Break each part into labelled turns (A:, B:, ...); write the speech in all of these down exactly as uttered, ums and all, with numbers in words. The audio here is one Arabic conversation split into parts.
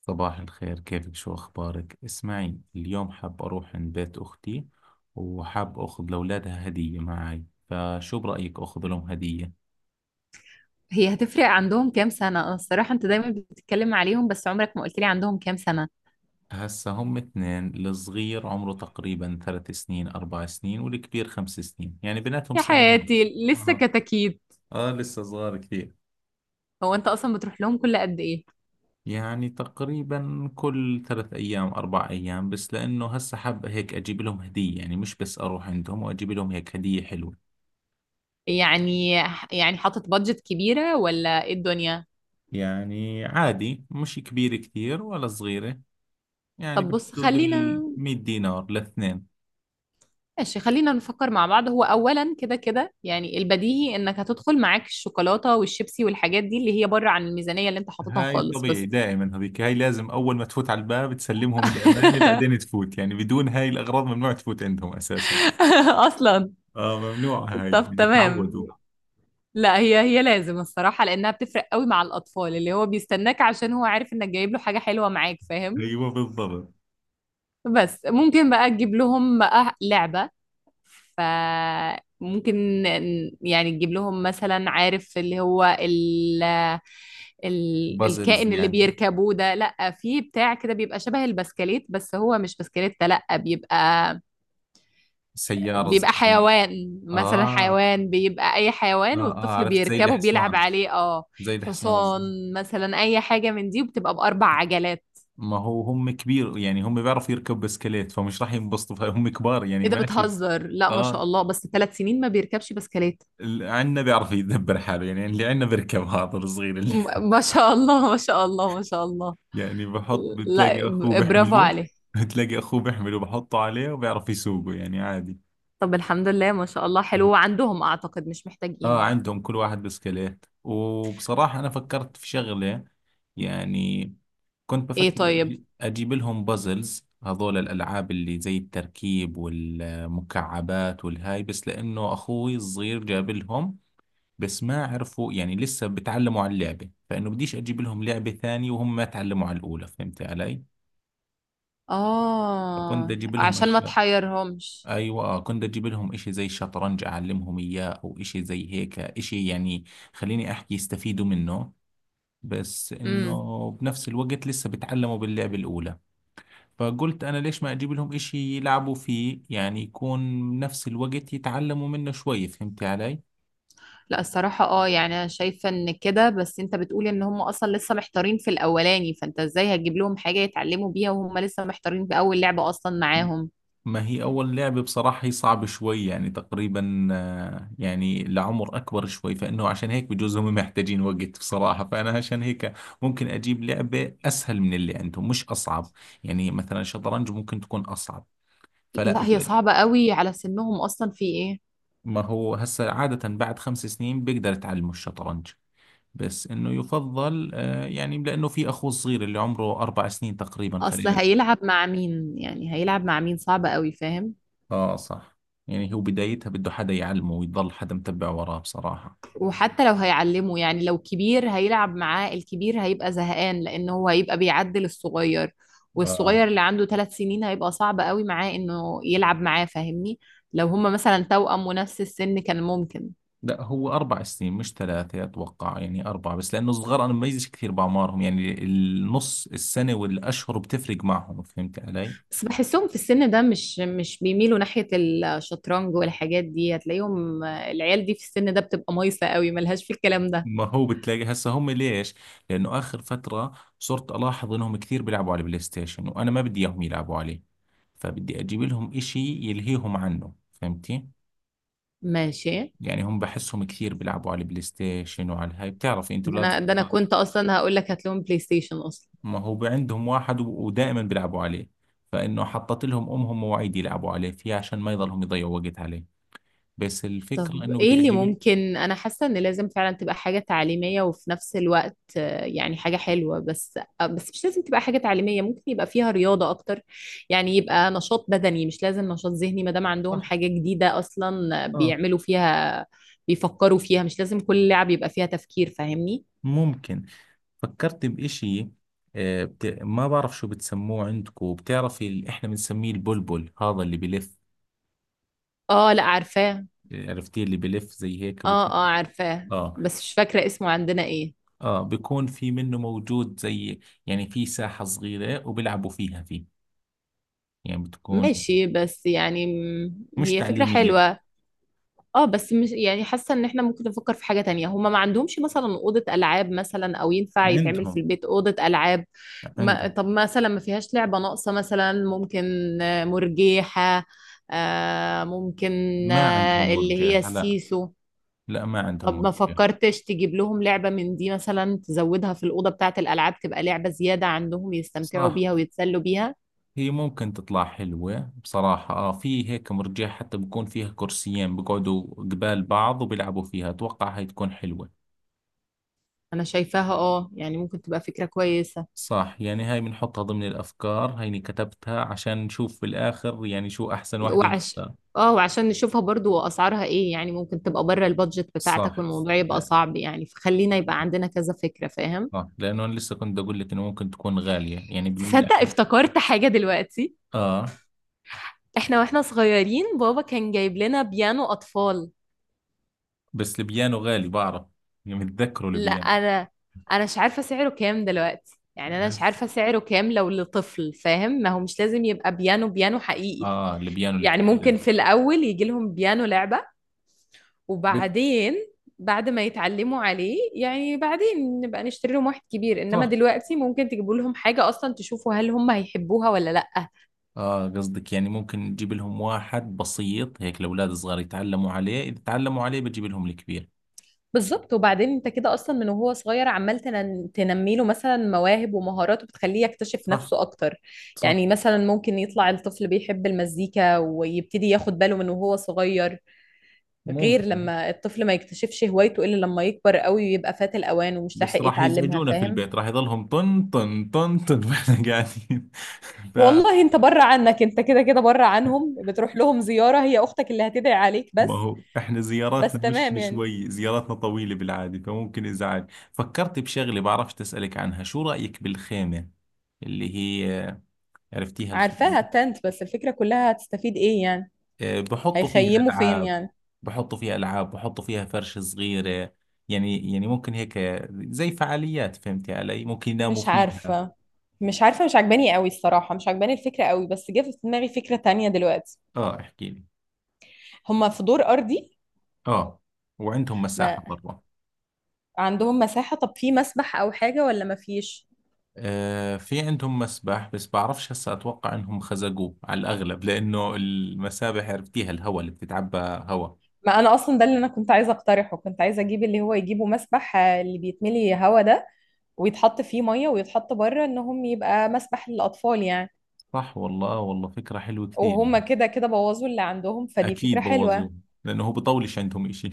A: صباح الخير كيفك شو أخبارك؟ اسمعي اليوم حاب أروح عند بيت أختي وحاب أخذ لأولادها هدية معي فشو برأيك أخذ لهم هدية؟
B: هي هتفرق عندهم كام سنة؟ أنا الصراحة أنت دايما بتتكلم عليهم، بس عمرك ما قلت لي عندهم كام سنة.
A: هسا هم اثنين الصغير عمره تقريبا ثلاث سنين أربع سنين والكبير خمس سنين يعني بيناتهم
B: يا
A: سنة ونص.
B: حياتي لسه
A: آه
B: كتاكيد.
A: آه لسه صغار كثير.
B: هو أنت أصلا بتروح لهم كل قد إيه؟
A: يعني تقريبا كل ثلاث أيام أربع أيام بس لأنه هسا حاب هيك أجيب لهم هدية يعني مش بس أروح عندهم وأجيب لهم هيك هدية حلوة.
B: يعني يعني حاطط بادجت كبيرة ولا إيه الدنيا؟
A: يعني عادي مش كبيرة كثير ولا صغيرة، يعني
B: طب بص،
A: بحدود ال
B: خلينا،
A: مية دينار لاثنين.
B: ماشي، خلينا نفكر مع بعض. هو أولا، كده كده، يعني البديهي إنك هتدخل معاك الشوكولاتة والشيبسي والحاجات دي اللي هي بره عن الميزانية اللي أنت حاططها
A: هاي
B: خالص،
A: طبيعي
B: بس
A: دائما هذيك هاي لازم أول ما تفوت على الباب تسلمهم الأمانة بعدين تفوت، يعني بدون هاي الأغراض ممنوع تفوت عندهم أساسا.
B: أصلا.
A: آه ممنوع هاي
B: طب
A: يعني
B: تمام.
A: تعودوا.
B: لا، هي هي لازم الصراحة لأنها بتفرق قوي مع الأطفال، اللي هو بيستناك عشان هو عارف إنك جايب له حاجة حلوة معاك، فاهم.
A: أيوة بالضبط.
B: بس ممكن بقى تجيب لهم بقى لعبة. فممكن يعني تجيب لهم مثلا، عارف اللي هو ال ال
A: بازلز
B: الكائن اللي
A: يعني
B: بيركبوه ده، لا، في بتاع كده بيبقى شبه البسكليت بس هو مش بسكليت، لا بيبقى
A: سيارة
B: بيبقى
A: صغيرة.
B: حيوان مثلا،
A: آه
B: حيوان بيبقى اي
A: آه
B: حيوان
A: آه
B: والطفل
A: عرفت زي
B: بيركبه وبيلعب
A: الحصان،
B: عليه. اه،
A: زي الحصان الصغير.
B: حصان مثلا، اي حاجة من دي وبتبقى باربع عجلات.
A: ما هو هم كبير، يعني هم بيعرفوا يركبوا بسكليت فمش راح ينبسطوا هم كبار يعني
B: ايه ده
A: ماشي.
B: بتهزر؟ لا، ما شاء
A: اه
B: الله، بس ثلاث سنين ما بيركبش بسكليت؟
A: اللي عندنا بيعرف يدبر حاله، يعني اللي عندنا بيركب هذا الصغير اللي
B: م- ما شاء الله، ما شاء الله، ما شاء الله.
A: يعني بحط
B: لا،
A: بتلاقي اخوه
B: ب- برافو
A: بيحمله،
B: عليه.
A: بتلاقي اخوه بيحمله بحطه عليه وبيعرف يسوقه يعني عادي.
B: طب الحمد لله، ما شاء الله، حلو عندهم، اعتقد مش
A: اه
B: محتاجين.
A: عندهم كل واحد بسكليت وبصراحة انا فكرت في شغلة، يعني كنت
B: ايه
A: بفكر أجي-
B: طيب.
A: اجيب لهم بازلز هذول الالعاب اللي زي التركيب والمكعبات والهاي بس لانه اخوي الصغير جاب لهم. بس ما عرفوا، يعني لسه بتعلموا على اللعبة فإنه بديش أجيب لهم لعبة ثانية وهم ما تعلموا على الأولى فهمت علي؟ فكنت
B: اه،
A: أجيب لهم
B: عشان ما
A: أشياء.
B: تحيرهمش.
A: أيوة، آه، كنت أجيب لهم إشي زي الشطرنج أعلمهم إياه أو إشي زي هيك إشي يعني خليني أحكي يستفيدوا منه بس
B: امم.
A: إنه بنفس الوقت لسه بتعلموا باللعبة الأولى. فقلت أنا ليش ما أجيب لهم إشي يلعبوا فيه يعني يكون بنفس الوقت يتعلموا منه شوي فهمت علي؟
B: لا الصراحة، اه يعني انا شايفة ان كده، بس انت بتقول ان هم اصلا لسه محتارين في الاولاني، فانت ازاي هتجيب لهم حاجة يتعلموا بيها وهم لسه محتارين في اول لعبة اصلا معاهم؟
A: ما هي أول لعبة بصراحة هي صعبة شوي، يعني تقريبا آه، يعني لعمر أكبر شوي فإنه عشان هيك بجوز هم محتاجين وقت بصراحة، فأنا عشان هيك ممكن أجيب لعبة أسهل من اللي عندهم مش أصعب. يعني مثلا شطرنج ممكن تكون أصعب فلا
B: لا، هي
A: بدي أ-
B: صعبة قوي على سنهم، اصلا في ايه؟
A: ما هو هسا عادة بعد خمس سنين بيقدر يتعلموا الشطرنج، بس إنه يفضل آه، يعني لأنه في أخوه الصغير اللي عمره أربع سنين تقريبا
B: اصل
A: خلينا.
B: هيلعب مع مين يعني، هيلعب مع مين؟ صعبة قوي فاهم.
A: آه صح، يعني هو بدايتها بده حدا يعلمه ويضل حدا متبع وراه بصراحة.
B: وحتى لو هيعلمه يعني، لو كبير هيلعب معاه الكبير هيبقى زهقان لأنه هو هيبقى بيعدل الصغير،
A: آه
B: والصغير اللي عنده ثلاث سنين هيبقى صعب قوي معاه إنه يلعب معاه فاهمني. لو هما مثلا توأم ونفس السن كان ممكن.
A: لا هو أربع سنين مش ثلاثة أتوقع، يعني أربعة، بس لأنه الصغار أنا بميزش كثير بأعمارهم يعني النص السنة والأشهر بتفرق معهم فهمت علي؟
B: بس بحسهم في السن ده مش مش بيميلوا ناحية الشطرنج والحاجات دي، هتلاقيهم العيال دي في السن ده بتبقى مايسة قوي ملهاش في الكلام ده.
A: ما هو بتلاقي هسه هم ليش؟ لأنه آخر فترة صرت ألاحظ إنهم كثير بيلعبوا على البلاي ستيشن وأنا ما بدي إياهم يلعبوا عليه فبدي أجيب لهم إشي يلهيهم عنه فهمتي؟
B: ماشي.
A: يعني هم بحسهم كثير بيلعبوا على البلاي ستيشن وعلى هاي بتعرفي أنت
B: ده
A: أولاد
B: انا ده انا
A: الصغار.
B: كنت اصلا هقول لك هات لهم بلاي ستيشن اصلا.
A: ما هو عندهم واحد و- ودائما بيلعبوا عليه، فإنه حطت لهم أمهم مواعيد يلعبوا عليه فيها عشان ما يضلهم يضيعوا وقت عليه بس الفكرة
B: طب
A: إنه
B: ايه
A: بدي
B: اللي
A: أجيب.
B: ممكن؟ انا حاسه ان لازم فعلا تبقى حاجه تعليميه وفي نفس الوقت، آه، يعني حاجه حلوه، بس آه، بس مش لازم تبقى حاجه تعليميه، ممكن يبقى فيها رياضه اكتر. يعني يبقى نشاط بدني، مش لازم نشاط ذهني ما دام عندهم
A: صح.
B: حاجه جديده اصلا
A: اه
B: بيعملوا فيها بيفكروا فيها، مش لازم كل لعب يبقى فيها تفكير فاهمني.
A: ممكن. فكرت بإشي، آه، بت... ما بعرف شو بتسموه عندكم بتعرفي ال- احنا بنسميه البلبل هذا اللي بلف.
B: اه، لا، عارفاه.
A: آه، عرفتيه اللي بلف زي هيك
B: اه
A: بكون.
B: اه، عارفاه
A: اه
B: بس مش فاكره اسمه عندنا ايه.
A: اه بيكون في منه موجود زي، يعني في ساحة صغيرة وبيلعبوا فيها فيه، يعني بتكون
B: ماشي، بس يعني م،
A: مش
B: هي فكره
A: تعليمية.
B: حلوه. اه بس، مش يعني حاسه ان احنا ممكن نفكر في حاجه تانية، هما ما عندهمش مثلا اوضه العاب، مثلا او ينفع يتعمل في
A: عندهم
B: البيت اوضه العاب. ما
A: عندهم
B: طب مثلا، ما فيهاش لعبه ناقصه مثلا؟ ممكن آه، مرجيحه. آه ممكن.
A: ما عندهم
B: آه اللي هي
A: مرجئة لا.
B: السيسو.
A: لا ما عندهم
B: طب ما
A: مرجئة.
B: فكرتش تجيب لهم لعبه من دي مثلا، تزودها في الاوضه بتاعه الالعاب تبقى لعبه زياده عندهم يستمتعوا
A: صح
B: بيها ويتسلوا بيها؟
A: هي ممكن تطلع حلوة بصراحة، آه في هيك مرجئة حتى بكون فيها كرسيين بقعدوا قبال بعض وبيلعبوا فيها أتوقع هاي تكون حلوة.
B: انا شايفاها. اه يعني ممكن تبقى فكره كويسه.
A: صح يعني هاي بنحطها ضمن الأفكار هيني كتبتها عشان نشوف بالآخر يعني شو أحسن واحدة
B: وعش
A: ونختار.
B: اه وعشان نشوفها برضو اسعارها ايه يعني، ممكن تبقى بره البادجت بتاعتك
A: صح.
B: والموضوع يبقى
A: لا
B: صعب يعني، فخلينا يبقى عندنا كذا فكرة فاهم.
A: صح لأنه أنا لسه كنت أقول لك إنه ممكن تكون غالية يعني بن...
B: تصدق افتكرت حاجة دلوقتي.
A: آه
B: احنا واحنا صغيرين بابا كان جايب لنا بيانو أطفال.
A: بس البيانو غالي بعرف، يعني متذكره
B: لا،
A: البيانو.
B: انا انا مش عارفة سعره كام دلوقتي، يعني انا مش
A: هس-
B: عارفة سعره كام لو لطفل فاهم، ما هو مش لازم يبقى بيانو بيانو حقيقي.
A: آه البيانو
B: يعني
A: الكبير
B: ممكن
A: قصدي.
B: في الأول يجي لهم بيانو لعبة،
A: بس
B: وبعدين بعد ما يتعلموا عليه يعني بعدين نبقى نشتري لهم واحد كبير، انما
A: صح
B: دلوقتي ممكن تجيبوا لهم حاجة اصلا تشوفوا هل هم هيحبوها ولا لأ.
A: اه قصدك يعني ممكن تجيب لهم واحد بسيط هيك الاولاد الصغار يتعلموا عليه اذا تعلموا عليه بتجيب لهم الكبير.
B: بالظبط. وبعدين انت كده اصلا من وهو صغير عمال تنن- تنمي له مثلا مواهب ومهارات وبتخليه يكتشف
A: صح.
B: نفسه اكتر.
A: صح
B: يعني مثلا ممكن يطلع الطفل بيحب المزيكا ويبتدي ياخد باله من وهو صغير، غير
A: ممكن.
B: لما الطفل ما يكتشفش هوايته الا لما يكبر قوي ويبقى فات الاوان ومش
A: بس
B: لاحق
A: راح
B: يتعلمها،
A: يزعجونا في
B: فاهم.
A: البيت راح يضلهم طن طن طن طن واحنا قاعدين فما
B: والله انت بره عنك، انت كده كده بره عنهم بتروح لهم زيارة، هي اختك اللي هتدعي عليك بس.
A: هو احنا
B: بس
A: زياراتنا مش
B: تمام يعني.
A: شوي زياراتنا طويلة بالعادة فممكن ازعاج. فكرت بشغلة بعرفش تسألك عنها، شو رأيك بالخيمة اللي هي عرفتيها؟
B: عارفاها التنت، بس الفكرة كلها هتستفيد ايه يعني؟
A: آه، بحطوا فيها
B: هيخيموا فين
A: ألعاب،
B: يعني؟
A: بحطوا فيها ألعاب، بحطوا فيها فرشة صغيرة، يعني يعني ممكن هيك زي فعاليات فهمتي علي ممكن يناموا
B: مش
A: فيها.
B: عارفة، مش عارفة، مش عجباني قوي الصراحة، مش عجباني الفكرة قوي، بس جه في دماغي فكرة تانية دلوقتي.
A: اه احكي لي.
B: هما في دور ارضي،
A: اه وعندهم مساحة
B: ما
A: برا.
B: عندهم مساحة، طب في مسبح او حاجة ولا ما فيش؟
A: آه في عندهم مسبح بس بعرفش هسا اتوقع انهم خزقوه على الاغلب لانه المسابح عرفتيها الهواء اللي بتتعبى هواء.
B: ما انا اصلا ده اللي انا كنت عايزة اقترحه، كنت عايزة اجيب اللي هو يجيبه مسبح، آه، اللي بيتملي هوا ده، ويتحط فيه ميه ويتحط بره انهم يبقى مسبح للاطفال يعني.
A: صح والله، والله فكرة حلوة كثير
B: وهم
A: يعني.
B: كده كده بوظوا اللي عندهم، فدي فكره
A: اكيد
B: حلوه.
A: بوظوه لانه هو بطولش عندهم إشي.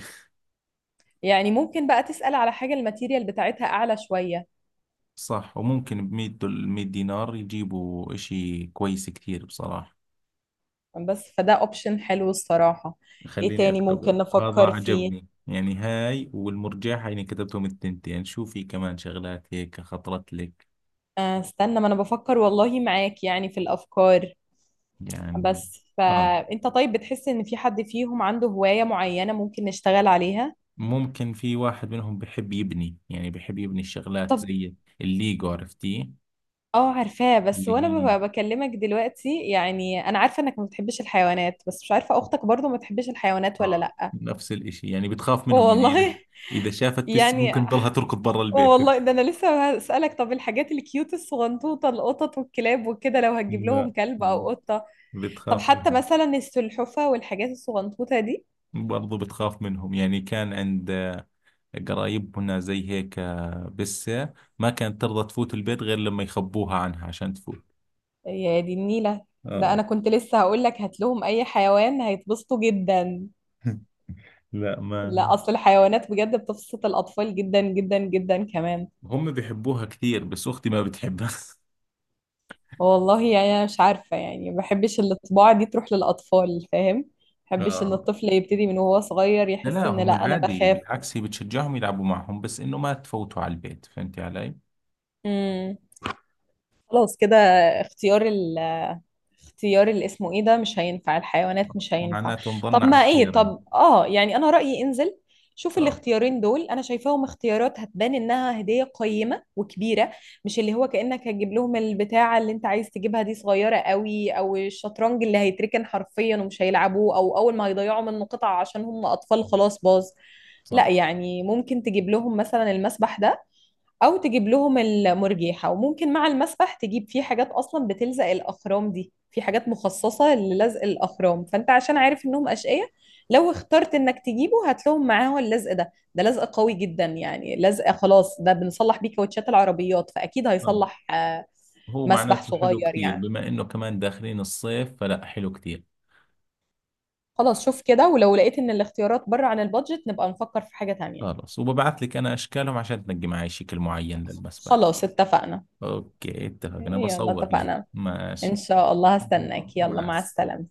B: يعني ممكن بقى تسال على حاجه الماتيريال بتاعتها اعلى شويه.
A: صح وممكن بمية دول مية دينار يجيبوا إشي كويس كثير بصراحة.
B: بس فده اوبشن حلو الصراحه. ايه
A: خليني
B: تاني
A: أكتبه
B: ممكن
A: هذا
B: نفكر فيه؟
A: عجبني، يعني هاي والمرجحة يعني كتبتهم التنتين، شو في كمان شغلات هيك خطرت لك؟
B: آه، استنى ما انا بفكر والله معاك يعني في الافكار.
A: يعني
B: بس
A: آه
B: فانت طيب بتحس ان في حد فيهم عنده هوايه معينه ممكن نشتغل عليها؟
A: ممكن في واحد منهم بحب يبني، يعني بحب يبني الشغلات
B: طب
A: زي الليجو عرفتيه.
B: اه عارفاه، بس
A: اللي
B: وانا
A: هي
B: ببقى بكلمك دلوقتي، يعني انا عارفه انك ما بتحبش الحيوانات، بس مش عارفه اختك برضو ما بتحبش الحيوانات ولا
A: آه
B: لا.
A: نفس الإشي يعني بتخاف منهم يعني إذا
B: والله
A: إذا شافت بس
B: يعني
A: ممكن تضلها
B: ح-
A: تركض برا البيت.
B: والله ده انا لسه هسألك طب الحاجات الكيوت الصغنطوطه القطط والكلاب وكده لو هتجيب لهم
A: لا
B: كلب او قطه؟ طب
A: بتخاف
B: حتى
A: منهم.
B: مثلا السلحفه والحاجات الصغنطوطه دي؟
A: برضو بتخاف منهم، يعني كان عند آه، قرايبنا زي هيك آه، بسة ما كانت ترضى تفوت البيت غير لما يخبوها عنها عشان تفوت.
B: يا دي النيله. ده
A: اه.
B: انا كنت لسه هقول لك هات لهم اي حيوان هيتبسطوا جدا.
A: لا ما.
B: لا، اصل الحيوانات بجد بتبسط الاطفال جدا جدا جدا كمان.
A: هم بيحبوها كثير بس أختي ما بتحبها.
B: والله يعني انا مش عارفه يعني، ما بحبش الطباع دي تروح للاطفال فاهم، ما بحبش ان
A: اه.
B: الطفل يبتدي من وهو صغير
A: لا
B: يحس
A: لا،
B: ان لا
A: هم
B: انا
A: عادي
B: بخاف.
A: بالعكس هي بتشجعهم يلعبوا معهم بس إنه ما تفوتوا على البيت فهمتي علي.
B: امم. خلاص كده. اختيار اختيار اللي اسمه ايه ده مش هينفع، الحيوانات مش هينفع.
A: معناته
B: طب
A: نضلنا على
B: ما ايه،
A: الخير يعني.
B: طب اه يعني انا رأيي انزل شوف
A: اه
B: الاختيارين دول، انا شايفاهم اختيارات هتبان انها هدية قيمة وكبيرة، مش اللي هو كأنك هتجيب لهم البتاعة اللي انت عايز تجيبها دي صغيرة قوي، او الشطرنج اللي هيتركن حرفيا ومش هيلعبوه، او اول ما هيضيعوا منه قطعة عشان هم اطفال خلاص باظ. لا،
A: صح.
B: يعني ممكن تجيب لهم مثلا المسبح ده او تجيب لهم المرجيحه، وممكن مع المسبح تجيب فيه حاجات اصلا بتلزق الاخرام دي، في حاجات مخصصه للزق الاخرام فانت عشان عارف انهم اشقياء، لو اخترت انك تجيبه هات لهم معاه اللزق ده، ده لزق قوي جدا يعني لزق خلاص، ده بنصلح بيه كاوتشات العربيات فاكيد
A: آه.
B: هيصلح آه،
A: هو
B: مسبح
A: معناته حلو
B: صغير
A: كثير
B: يعني.
A: بما إنه كمان داخلين الصيف فلا حلو كثير.
B: خلاص شوف كده، ولو لقيت ان الاختيارات بره عن البادجت نبقى نفكر في حاجه تانية.
A: خلاص وببعت لك انا اشكالهم عشان تنجي معي شكل معين للمسبح.
B: خلاص اتفقنا.
A: اوكي اتفقنا
B: يلا
A: بصور لك
B: اتفقنا. ان
A: ماشي.
B: شاء الله هستناك، يلا
A: مع
B: مع
A: السلامة.
B: السلامه.